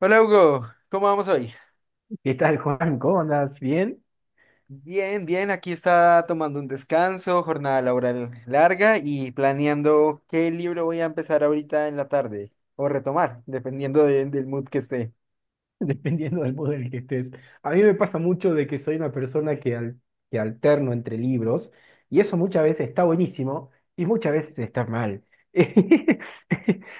Hola Hugo, ¿cómo vamos hoy? ¿Qué tal, Juan? ¿Cómo andas? ¿Bien? Bien, bien, aquí está tomando un descanso, jornada laboral larga y planeando qué libro voy a empezar ahorita en la tarde o retomar, dependiendo del mood que esté. Dependiendo del modo en el que estés. A mí me pasa mucho de que soy una persona que que alterno entre libros y eso muchas veces está buenísimo y muchas veces está mal.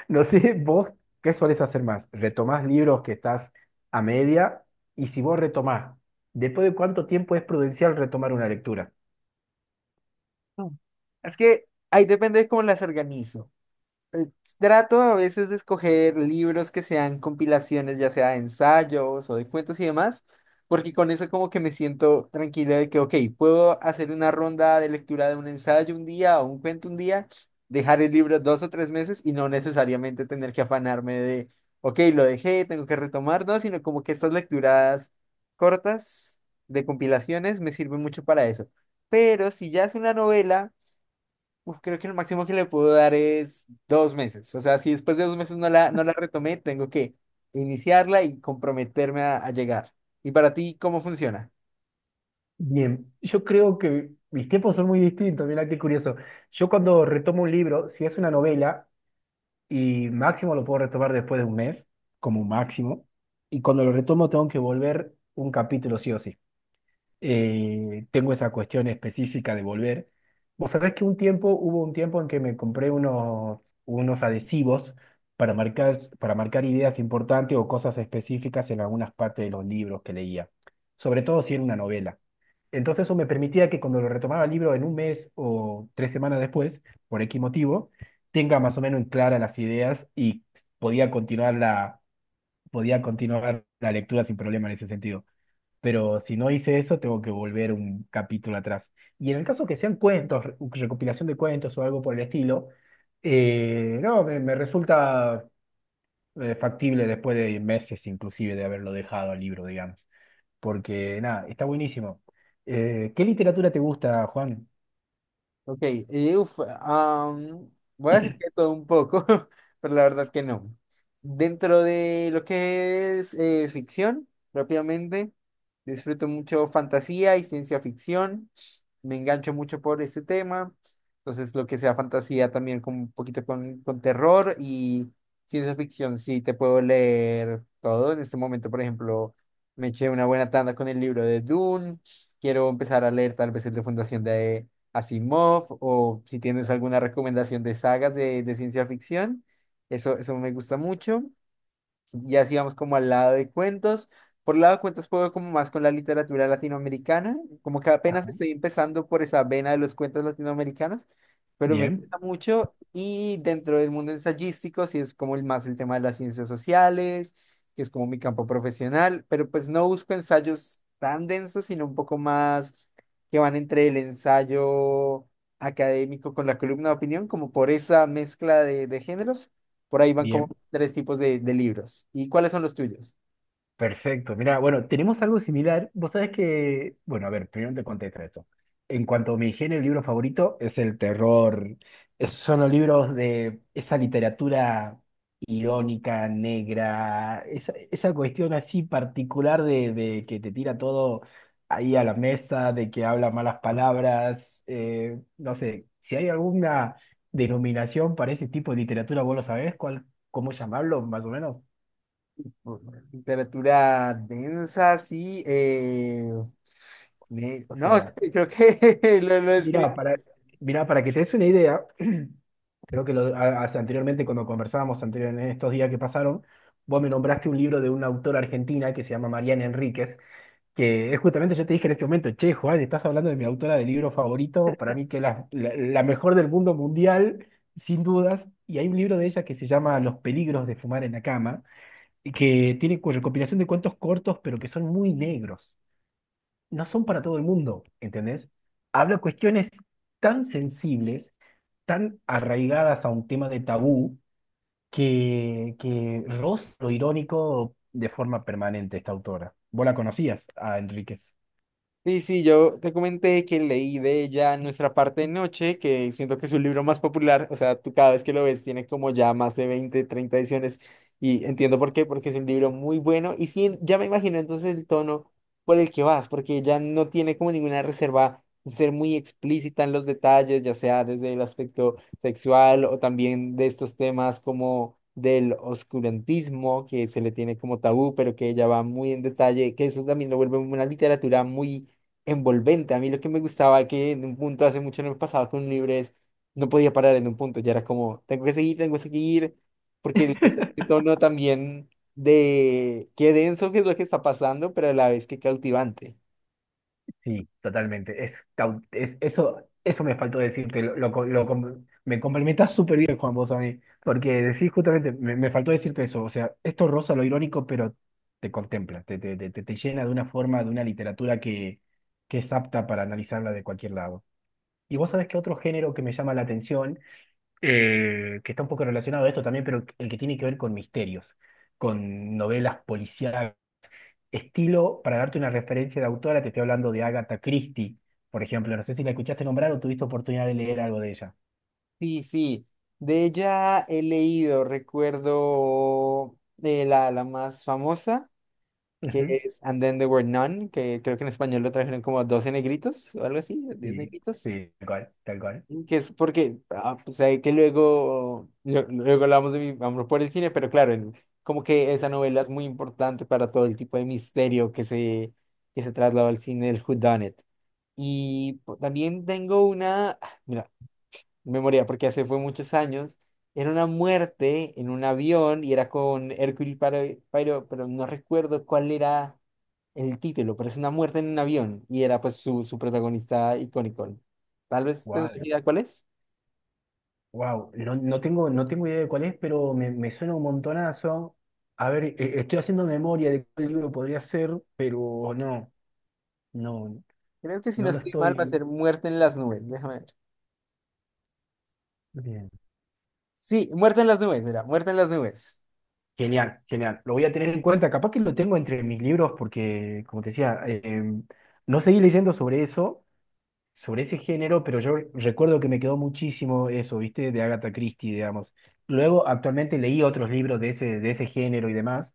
No sé, vos, ¿qué solés hacer más? ¿Retomás libros que estás a media? Y si vos retomás, ¿después de cuánto tiempo es prudencial retomar una lectura? Mm. Es que ahí depende de cómo las organizo. eh, Trato a veces de escoger libros que sean compilaciones, ya sea de ensayos o de cuentos y demás, porque con eso como que me siento tranquila de que, ok, puedo hacer una ronda de lectura de un ensayo un día o un cuento un día, dejar el libro dos o tres meses y no necesariamente tener que afanarme de, ok, lo dejé, tengo que retomar, no, sino como que estas lecturas cortas de compilaciones me sirven mucho para eso. Pero si ya es una novela, uf, creo que el máximo que le puedo dar es dos meses. O sea, si después de dos meses no la retomé, tengo que iniciarla y comprometerme a llegar. ¿Y para ti cómo funciona? Bien, yo creo que mis tiempos son muy distintos, mirá qué curioso. Yo cuando retomo un libro, si es una novela, y máximo lo puedo retomar después de un mes, como máximo. Y cuando lo retomo tengo que volver un capítulo sí o sí. Tengo esa cuestión específica de volver. Vos sabés que hubo un tiempo en que me compré unos adhesivos para para marcar ideas importantes o cosas específicas en algunas partes de los libros que leía, sobre todo si era una novela. Entonces eso me permitía que cuando lo retomaba el libro en un mes o tres semanas después, por X motivo, tenga más o menos en clara las ideas y podía continuar la, podía continuar la lectura sin problema en ese sentido, pero si no hice eso, tengo que volver un capítulo atrás. Y en el caso que sean cuentos, recopilación de cuentos o algo por el estilo, no, me resulta factible después de meses inclusive de haberlo dejado al libro, digamos. Porque nada, está buenísimo. ¿Qué literatura te gusta, Juan? Ok, y uf, voy a decir que todo un poco, pero la verdad que no. Dentro de lo que es ficción, propiamente disfruto mucho fantasía y ciencia ficción. Me engancho mucho por este tema. Entonces, lo que sea fantasía también con un poquito con terror y ciencia ficción, sí, te puedo leer todo. En este momento, por ejemplo, me eché una buena tanda con el libro de Dune. Quiero empezar a leer tal vez el de Fundación de Asimov, o si tienes alguna recomendación de sagas de ciencia ficción. Eso me gusta mucho. Y así vamos como al lado de cuentos. Por el lado de cuentos puedo como más con la literatura latinoamericana, como que apenas Ah, estoy empezando por esa vena de los cuentos latinoamericanos, pero me bien, gusta mucho. Y dentro del mundo ensayístico, sí es como el más el tema de las ciencias sociales, que es como mi campo profesional, pero pues no busco ensayos tan densos, sino un poco más que van entre el ensayo académico con la columna de opinión, como por esa mezcla de géneros. Por ahí van como bien. tres tipos de libros. ¿Y cuáles son los tuyos? Perfecto. Mira, bueno, tenemos algo similar. Vos sabés que, bueno, a ver, primero te contesto esto. En cuanto a mi género, el libro favorito es el terror. Son los libros de esa literatura irónica, negra, esa cuestión así particular de que te tira todo ahí a la mesa, de que habla malas palabras. No sé, si hay alguna denominación para ese tipo de literatura, vos lo sabés, cuál, cómo llamarlo, más o menos. Literatura densa, sí. O No, sea, creo que lo describí. Mira, para, mira, para que te des una idea, creo que anteriormente, cuando conversábamos anterior, en estos días que pasaron, vos me nombraste un libro de una autora argentina que se llama Mariana Enríquez, que es justamente, yo te dije en este momento, che, Juan, estás hablando de mi autora de libro favorito, para mí que la mejor del mundo mundial, sin dudas, y hay un libro de ella que se llama Los peligros de fumar en la cama, y que tiene recopilación de cuentos cortos, pero que son muy negros, no son para todo el mundo, ¿entendés? Habla cuestiones tan sensibles, tan arraigadas a un tema de tabú, que roza lo irónico de forma permanente esta autora. ¿Vos la conocías a Enríquez? Sí, sí, yo te comenté que leí de ella Nuestra parte de noche, que siento que es su libro más popular, o sea, tú cada vez que lo ves tiene como ya más de 20 30 ediciones y entiendo por qué, porque es un libro muy bueno y sí, ya me imagino entonces el tono por el que vas, porque ella no tiene como ninguna reserva en ser muy explícita en los detalles, ya sea desde el aspecto sexual o también de estos temas como del oscurantismo que se le tiene como tabú, pero que ella va muy en detalle, que eso también lo vuelve una literatura muy envolvente. A mí lo que me gustaba que en un punto hace mucho no me pasaba con un libro es, no podía parar en un punto, ya era como, tengo que seguir, porque el tono también de qué denso que es lo que está pasando, pero a la vez qué cautivante. Sí, totalmente. Es, eso, eso me faltó decirte. Lo co- lo com- Me complementas súper bien, Juan, vos a mí. Porque decís justamente, me faltó decirte eso. O sea, esto roza lo irónico, pero te contempla, te llena de una forma, de una literatura que es apta para analizarla de cualquier lado. Y vos sabés que otro género que me llama la atención, que está un poco relacionado a esto también, pero el que tiene que ver con misterios, con novelas policiales estilo, para darte una referencia de autora, te estoy hablando de Agatha Christie, por ejemplo. No sé si la escuchaste nombrar o tuviste oportunidad de leer algo de ella. Sí, sí, de ella he leído, recuerdo de la más famosa, que Ujú. es And Then There Were None, que creo que en español lo trajeron como 12 negritos o algo así, diez Sí, negritos. sí, tal cual, tal cual. Que es porque, ah, pues hay que luego, luego hablamos de mi amor por el cine, pero claro, como que esa novela es muy importante para todo el tipo de misterio que se trasladó al cine del whodunit. También tengo una, ah, mira, memoria, porque hace fue muchos años, era una muerte en un avión y era con Poirot, pero no recuerdo cuál era el título, pero es una muerte en un avión y era pues su protagonista icónico. Tal vez tendrás Wow, idea cuál es. wow. No, no tengo idea de cuál es, pero me suena un montonazo. A ver, estoy haciendo memoria de cuál libro podría ser, pero no, Creo que si no no lo estoy mal va a estoy. ser Muerte en las nubes. Déjame ver. Bien. Sí, Muerte en las nubes, era Muerte en las nubes. Genial, genial. Lo voy a tener en cuenta. Capaz que lo tengo entre mis libros porque, como te decía, no seguí leyendo sobre eso, sobre ese género, pero yo recuerdo que me quedó muchísimo eso, ¿viste? De Agatha Christie, digamos. Luego, actualmente leí otros libros de ese género y demás,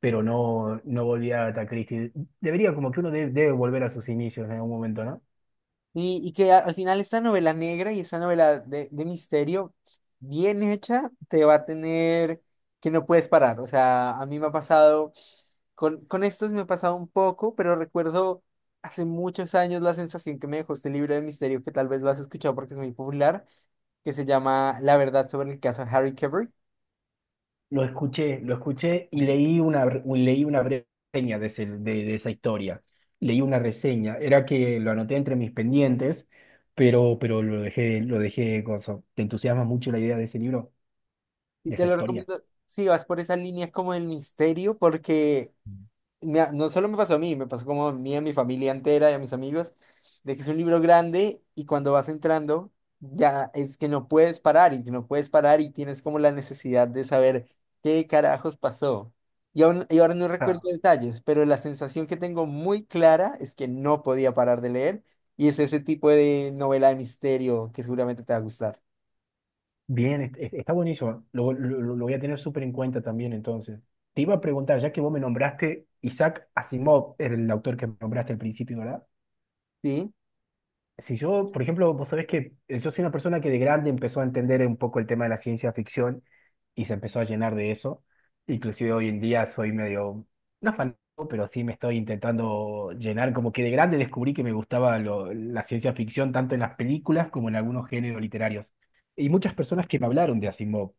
pero no volví a Agatha Christie. Debería, como que debe volver a sus inicios en algún momento, ¿no? Y que al final esta novela negra y esta novela de misterio, bien hecha, te va a tener que no puedes parar. O sea, a mí me ha pasado, con estos me ha pasado un poco, pero recuerdo hace muchos años la sensación que me dejó este libro de misterio, que tal vez lo has escuchado porque es muy popular, que se llama La verdad sobre el caso Harry Cavill. Lo escuché y leí leí una breve reseña de esa historia. Leí una reseña. Era que lo anoté entre mis pendientes, pero lo dejé, cosa. ¿Te entusiasma mucho la idea de ese libro, Y de te esa lo historia? recomiendo si vas por esa línea como del misterio, porque no solo me pasó a mí, me pasó como a mí, a mi familia entera y a mis amigos, de que es un libro grande y cuando vas entrando ya es que no puedes parar y que no puedes parar y tienes como la necesidad de saber qué carajos pasó. Y ahora no recuerdo detalles, pero la sensación que tengo muy clara es que no podía parar de leer y es ese tipo de novela de misterio que seguramente te va a gustar. Bien, está buenísimo. Voy a tener súper en cuenta también entonces. Te iba a preguntar, ya que vos me nombraste, Isaac Asimov era el autor que nombraste al principio, ¿verdad? ¿Sí? Si yo, por ejemplo, vos sabés que yo soy una persona que de grande empezó a entender un poco el tema de la ciencia ficción y se empezó a llenar de eso. Inclusive hoy en día soy medio, no fanático, pero sí me estoy intentando llenar, como que de grande descubrí que me gustaba la ciencia ficción tanto en las películas como en algunos géneros literarios. Y muchas personas que me hablaron de Asimov,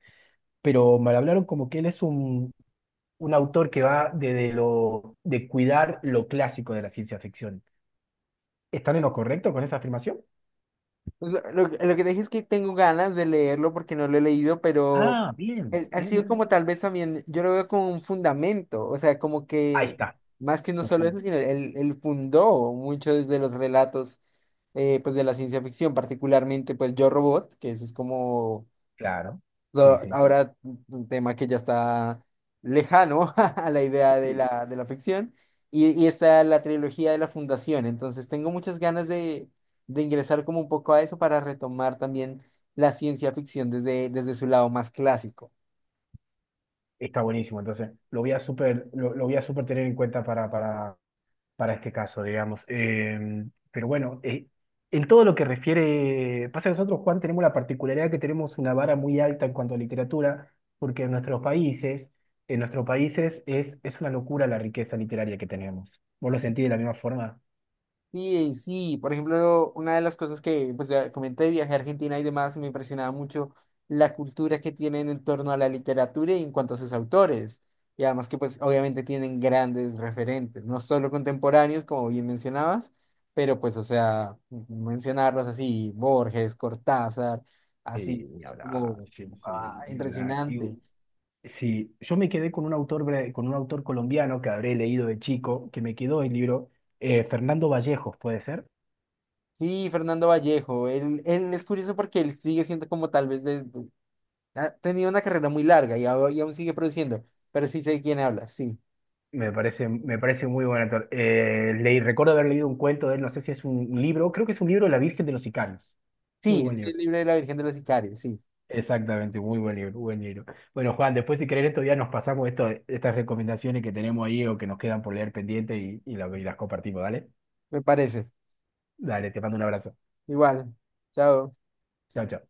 pero me hablaron como que él es un autor que va de cuidar lo clásico de la ciencia ficción. ¿Están en lo correcto con esa afirmación? Pues, lo que te dije es que tengo ganas de leerlo porque no lo he leído, pero Ah, bien, ha bien, sido bien. como tal vez también, yo lo veo como un fundamento, o sea, como Ahí que está. más que no Uf, solo eso, sino él fundó muchos de los relatos pues de la ciencia ficción, particularmente pues Yo Robot, que eso es como... claro, sí, So, sí. ahora, un tema que ya está lejano a la idea de Sí. De la ficción, y está la trilogía de la Fundación. Entonces, tengo muchas ganas de ingresar como un poco a eso para retomar también la ciencia ficción desde su lado más clásico. Está buenísimo, entonces lo voy a súper tener en cuenta para este caso, digamos. Pero bueno, en todo lo que refiere, pasa que nosotros, Juan, tenemos la particularidad que tenemos una vara muy alta en cuanto a literatura, porque en nuestros países es una locura la riqueza literaria que tenemos. ¿Vos lo sentís de la misma forma? Sí, sí, por ejemplo, una de las cosas que pues, ya comenté de viaje a Argentina y demás, me impresionaba mucho la cultura que tienen en torno a la literatura y en cuanto a sus autores. Y además que pues obviamente tienen grandes referentes, no solo contemporáneos, como bien mencionabas, pero pues o sea, mencionarlos así, Borges, Cortázar, Sí, así, ni es hablar, como... sí, ah, sí, ni hablar. Y impresionante. sí, yo me quedé con un autor, con un autor colombiano que habré leído de chico, que me quedó el libro, Fernando Vallejos, ¿puede ser? Sí, Fernando Vallejo, él es curioso porque él sigue siendo como tal vez de... Ha tenido una carrera muy larga y aún sigue produciendo, pero sí sé de quién habla, sí. Me parece muy buen actor. Recuerdo haber leído un cuento de él, no sé si es un libro, creo que es un libro, La Virgen de los Sicarios. Muy Sí, buen es libro. el libro de la Virgen de los Sicarios, sí, Exactamente, muy buen libro, buen libro. Bueno, Juan, después si querés estos días nos pasamos esto, estas recomendaciones que tenemos ahí o que nos quedan por leer pendiente y, y las compartimos, ¿dale? me parece. Dale, te mando un abrazo. Igual, chao. Chao, chao.